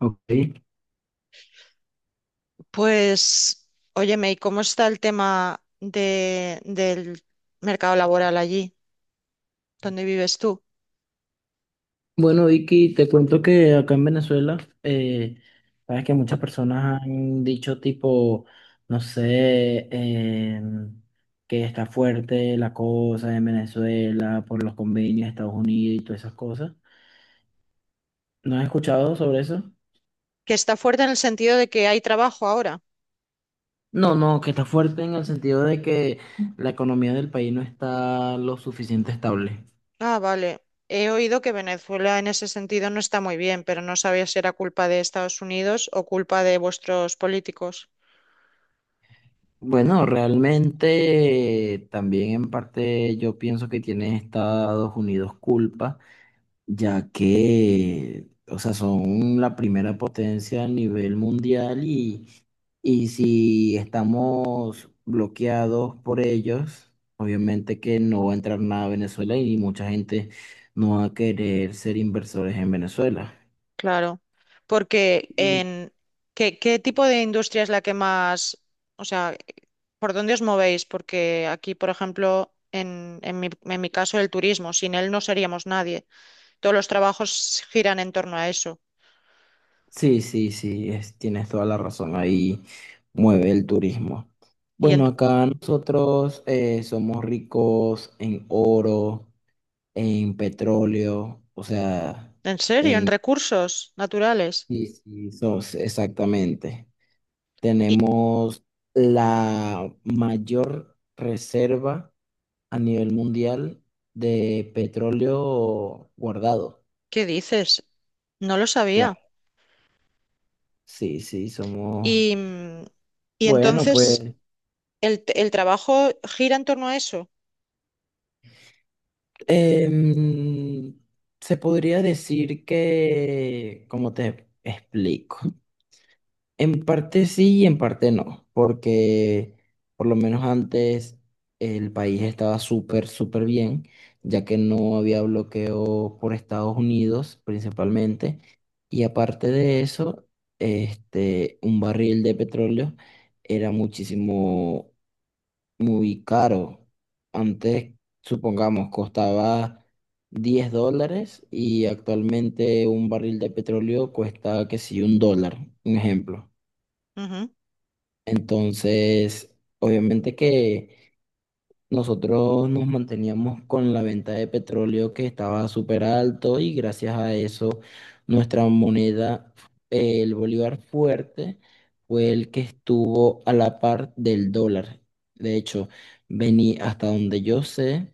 Ok. Pues, óyeme, ¿y cómo está el tema del mercado laboral allí, donde vives tú? Bueno, Vicky, te cuento que acá en Venezuela, sabes que muchas personas han dicho tipo, no sé, que está fuerte la cosa en Venezuela por los convenios de Estados Unidos y todas esas cosas. ¿No has escuchado sobre eso? Que está fuerte en el sentido de que hay trabajo ahora. No, no, que está fuerte en el sentido de que la economía del país no está lo suficiente estable. Ah, vale. He oído que Venezuela en ese sentido no está muy bien, pero no sabía si era culpa de Estados Unidos o culpa de vuestros políticos. Bueno, realmente también en parte yo pienso que tiene Estados Unidos culpa ya que, o sea, son la primera potencia a nivel mundial y si estamos bloqueados por ellos, obviamente que no va a entrar nada a Venezuela y mucha gente no va a querer ser inversores en Venezuela. Claro. Porque Mm. en qué tipo de industria es la que más, o sea, ¿por dónde os movéis? Porque aquí, por ejemplo, en mi caso, el turismo, sin él no seríamos nadie. Todos los trabajos giran en torno a eso. Sí, sí, sí, tienes toda la razón, ahí mueve el turismo. ¿Y Bueno, acá nosotros somos ricos en oro, en petróleo, o sea, en serio? ¿En en recursos naturales? sí, sí, exactamente. ¿Y Tenemos la mayor reserva a nivel mundial de petróleo guardado. qué dices? No lo sabía. Claro, sí, sí, somos... Y, mm, y Bueno, entonces pues el trabajo gira en torno a eso. em, se podría decir que, como te explico? En parte sí y en parte no, porque por lo menos antes el país estaba súper, súper bien, ya que no había bloqueo por Estados Unidos principalmente. Y aparte de eso, este, un barril de petróleo era muchísimo, muy caro. Antes, supongamos, costaba $10 y actualmente un barril de petróleo cuesta, que sí, $1, un ejemplo. Ujú. Entonces, obviamente que nosotros nos manteníamos con la venta de petróleo que estaba súper alto y gracias a eso nuestra moneda, el bolívar fuerte, fue el que estuvo a la par del dólar. De hecho, vení hasta donde yo sé.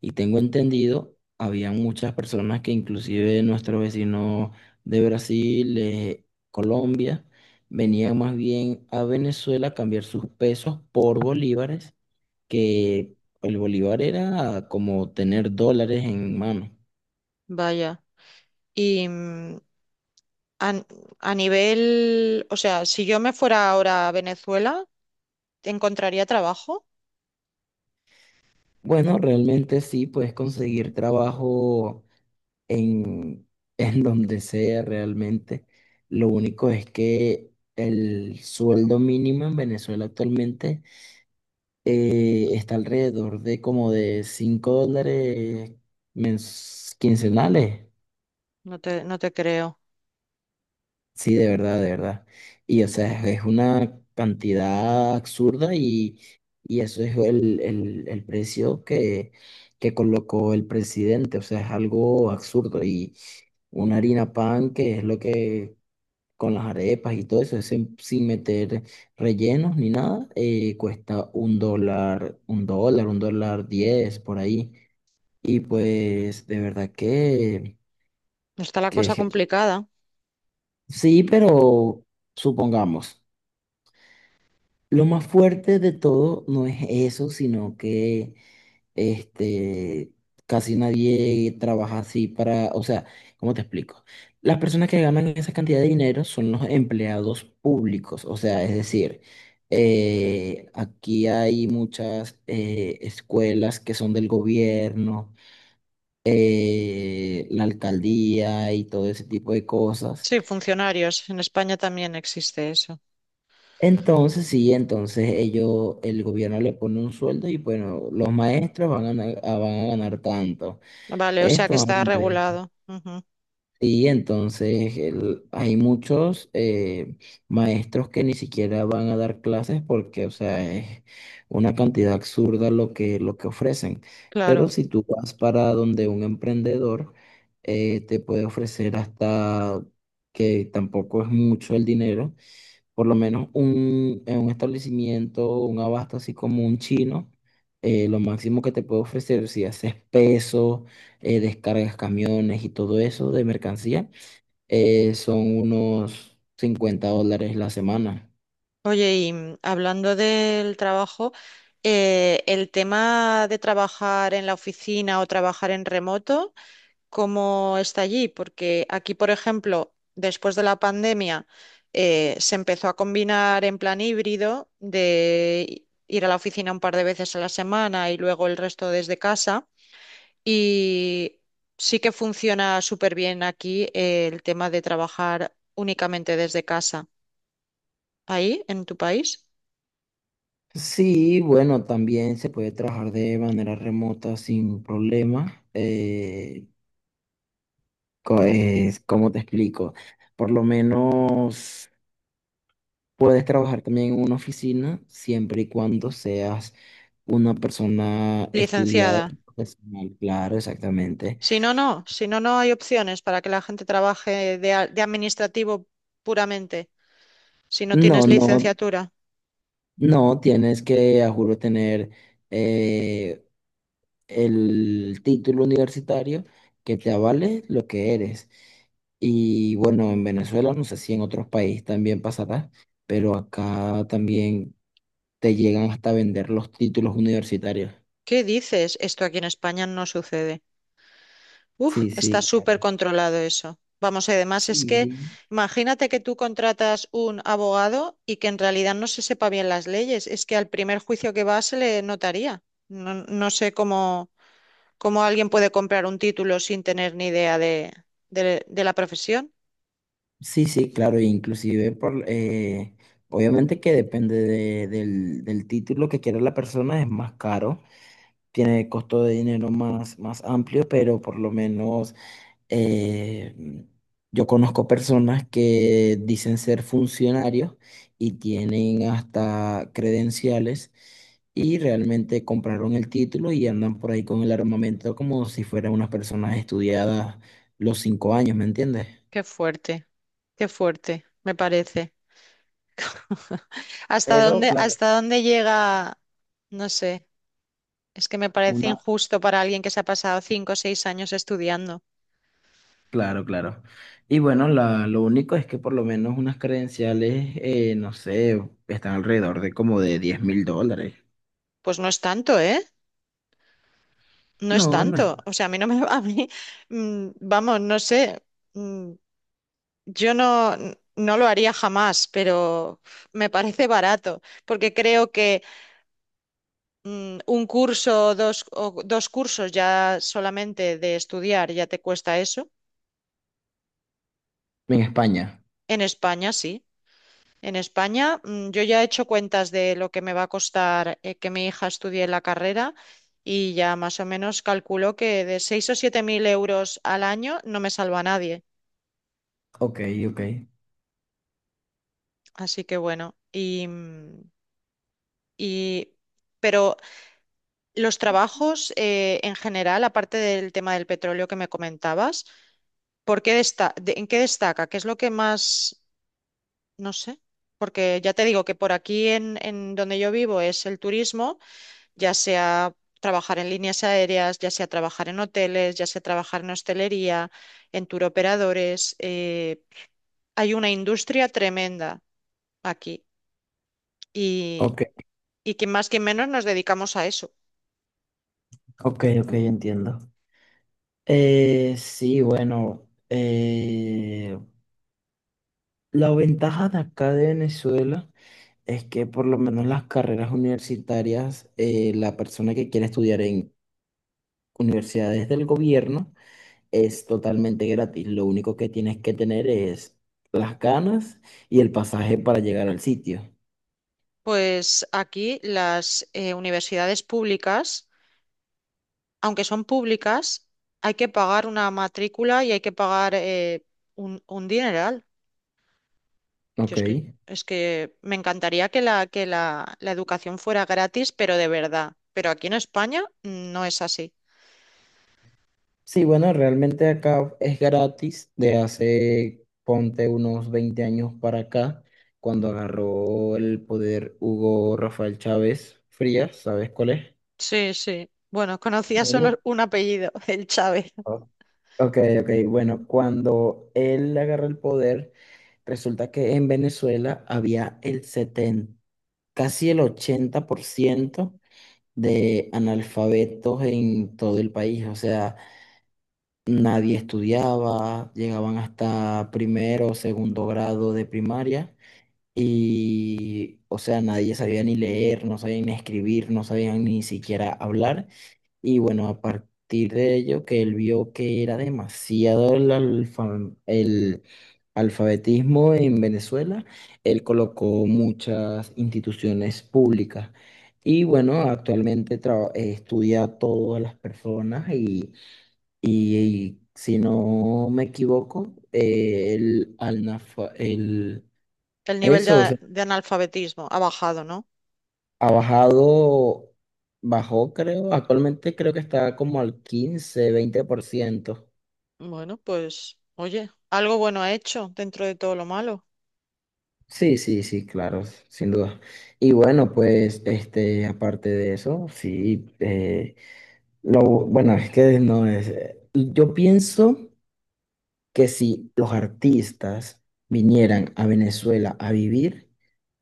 Y tengo entendido, había muchas personas que inclusive nuestros vecinos de Brasil, Colombia, venían más bien a Venezuela a cambiar sus pesos por bolívares, que el bolívar era como tener dólares en mano. Vaya. Y a, a nivel, o sea, si yo me fuera ahora a Venezuela, ¿encontraría trabajo? Bueno, realmente sí, puedes conseguir trabajo en, en donde sea realmente. Lo único es que el sueldo mínimo en Venezuela actualmente está alrededor de como de $5 quincenales. No te creo. Sí, de verdad, de verdad. Y o sea, es una cantidad absurda y eso es el precio que colocó el presidente. O sea, es algo absurdo. Y una harina pan, que es lo que con las arepas y todo eso, sin meter rellenos ni nada, cuesta $1, $1, $1.10 por ahí. Y pues de verdad que, Está la que cosa je- complicada. sí, pero supongamos, lo más fuerte de todo no es eso, sino que este, casi nadie trabaja así para, o sea, ¿cómo te explico? Las personas que ganan esa cantidad de dinero son los empleados públicos, o sea, es decir, aquí hay muchas escuelas que son del gobierno, la alcaldía y todo ese tipo de cosas. Sí, funcionarios. En España también existe eso. Entonces, sí, entonces ellos, el gobierno le pone un sueldo y bueno, los maestros van a ganar tanto. Vale, o sea Esto que van a está ganar esto. regulado. Ujú, Sí, entonces hay muchos maestros que ni siquiera van a dar clases porque, o sea, es una cantidad absurda lo que ofrecen. Pero claro. si tú vas para donde un emprendedor te puede ofrecer hasta que tampoco es mucho el dinero, por lo menos en un establecimiento, un abasto así como un chino, lo máximo que te puede ofrecer si haces peso, descargas camiones y todo eso de mercancía, son unos $50 la semana. Oye, hablando del trabajo, el tema de trabajar en la oficina o trabajar en remoto, ¿cómo está allí? Porque aquí, por ejemplo, después de la pandemia, se empezó a combinar en plan híbrido de ir a la oficina un par de veces a la semana y luego el resto desde casa. Y sí que funciona súper bien aquí, el tema de trabajar únicamente desde casa. ¿Ahí, en tu país? Sí, bueno, también se puede trabajar de manera remota sin problema. ¿Cómo te explico? Por lo menos... Puedes trabajar también en una oficina siempre y cuando seas una persona estudiada, Licenciada. profesional, claro, exactamente. Si no, si no, no hay opciones para que la gente trabaje de administrativo puramente, si no No, tienes no, licenciatura. no tienes que, a juro, tener eh, el título universitario que te avale lo que eres. Y bueno, en Venezuela, no sé si en otros países también pasará, pero acá también te llegan hasta vender los títulos universitarios. ¿Qué dices? Esto aquí en España no sucede. Uf, Sí, está sí, claro. súper controlado eso. Vamos, y además es que Sí. imagínate que tú contratas un abogado y que en realidad no se sepa bien las leyes. Es que al primer juicio que va se le notaría. No, no sé cómo alguien puede comprar un título sin tener ni idea de la profesión. Sí, sí, claro, e inclusive por, obviamente que depende del título que quiera la persona, es más caro, tiene costo de dinero más, más amplio, pero por lo menos eh, yo conozco personas que dicen ser funcionarios y tienen hasta credenciales y realmente compraron el título y andan por ahí con el armamento como si fueran unas personas estudiadas los 5 años, ¿me entiendes? Qué fuerte. Qué fuerte, me parece. Pero, claro. hasta dónde llega? No sé, es que me parece una injusto para alguien que se ha pasado 5 o 6 años estudiando. Claro, claro. Y bueno, lo único es que por lo menos unas credenciales, no sé, están alrededor de como de $10,000. Pues no es tanto, ¿eh? No es No, no tanto. está. O sea, a mí no me... a mí, vamos, no sé, mm, yo no lo haría jamás, pero me parece barato, porque creo que un curso o dos cursos ya solamente de estudiar ya te cuesta eso. En España. En España sí. En España, yo ya he hecho cuentas de lo que me va a costar, que mi hija estudie la carrera y ya más o menos calculo que de 6.000 o 7.000 euros al año no me salva a nadie. Ok, ok. Así que bueno, y- pero los trabajos, en general, aparte del tema del petróleo que me comentabas, ¿por qué desta- de- ¿en qué destaca? ¿Qué es lo que más, no sé? Porque ya te digo que por aquí en donde yo vivo es el turismo. Ya sea trabajar en líneas aéreas, ya sea trabajar en hoteles, ya sea trabajar en hostelería, en turoperadores. Hay una industria tremenda aquí y, Ok, y que más que menos nos dedicamos a eso. ok, ok, entiendo. Sí, bueno, la ventaja de acá de Venezuela es que por lo menos las carreras universitarias, la persona que quiere estudiar en universidades del gobierno, es totalmente gratis. Lo único que tienes que tener es las ganas y el pasaje para llegar al sitio. Pues aquí las universidades públicas, aunque son públicas, hay que pagar una matrícula y hay que pagar, un dineral. Yo Ok. es que me encantaría que la educación fuera gratis, pero de verdad. Pero aquí en España, no es así. Sí, bueno, realmente acá es gratis de hace, ponte unos 20 años para acá, cuando agarró el poder Hugo Rafael Chávez Frías, ¿sabes cuál es? Sí, sí. Bueno, conocía solo Bueno, un apellido, el Chávez. o- ok, ok, bueno, cuando él agarró el poder, resulta que en Venezuela había el 70, casi el 80% de analfabetos en todo el país, o sea, nadie estudiaba, llegaban hasta primero o segundo grado de primaria y, o sea, nadie sabía ni leer, no sabían ni escribir, no sabían ni siquiera hablar. Y bueno, a partir de ello, que él vio que era demasiado el alfabetismo en Venezuela, él colocó muchas instituciones públicas. Y bueno, actualmente estudia a todas las personas y- y si no me equivoco, El nivel eso, o de, sea, de analfabetismo ha bajado, ¿no? ha bajado, bajó, creo, actualmente creo que está como al 15-20%. Bueno, pues, oye, algo bueno ha hecho dentro de todo lo malo. Sí, sí, sí, claro, sin duda. Y bueno, pues, este, aparte de eso, sí, bueno, es que no es, yo pienso que si los artistas vinieran a Venezuela a vivir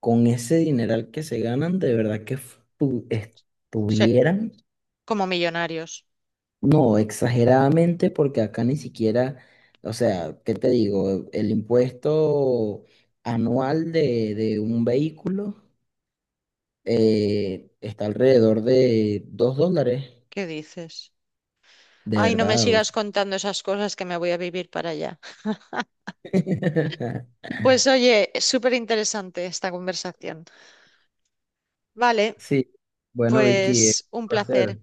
con ese dineral que se ganan, de verdad que Sí, estuvieran, como millonarios. no, exageradamente, porque acá ni siquiera, o sea, ¿qué te digo? El impuesto anual de un vehículo está alrededor de $2, ¿Qué dices? de Ay, no me verdad. O sigas sea. contando esas cosas que me voy a vivir para allá. Pues oye, súper interesante esta conversación. Vale. Sí, bueno, Vicky, Pues un un placer. placer.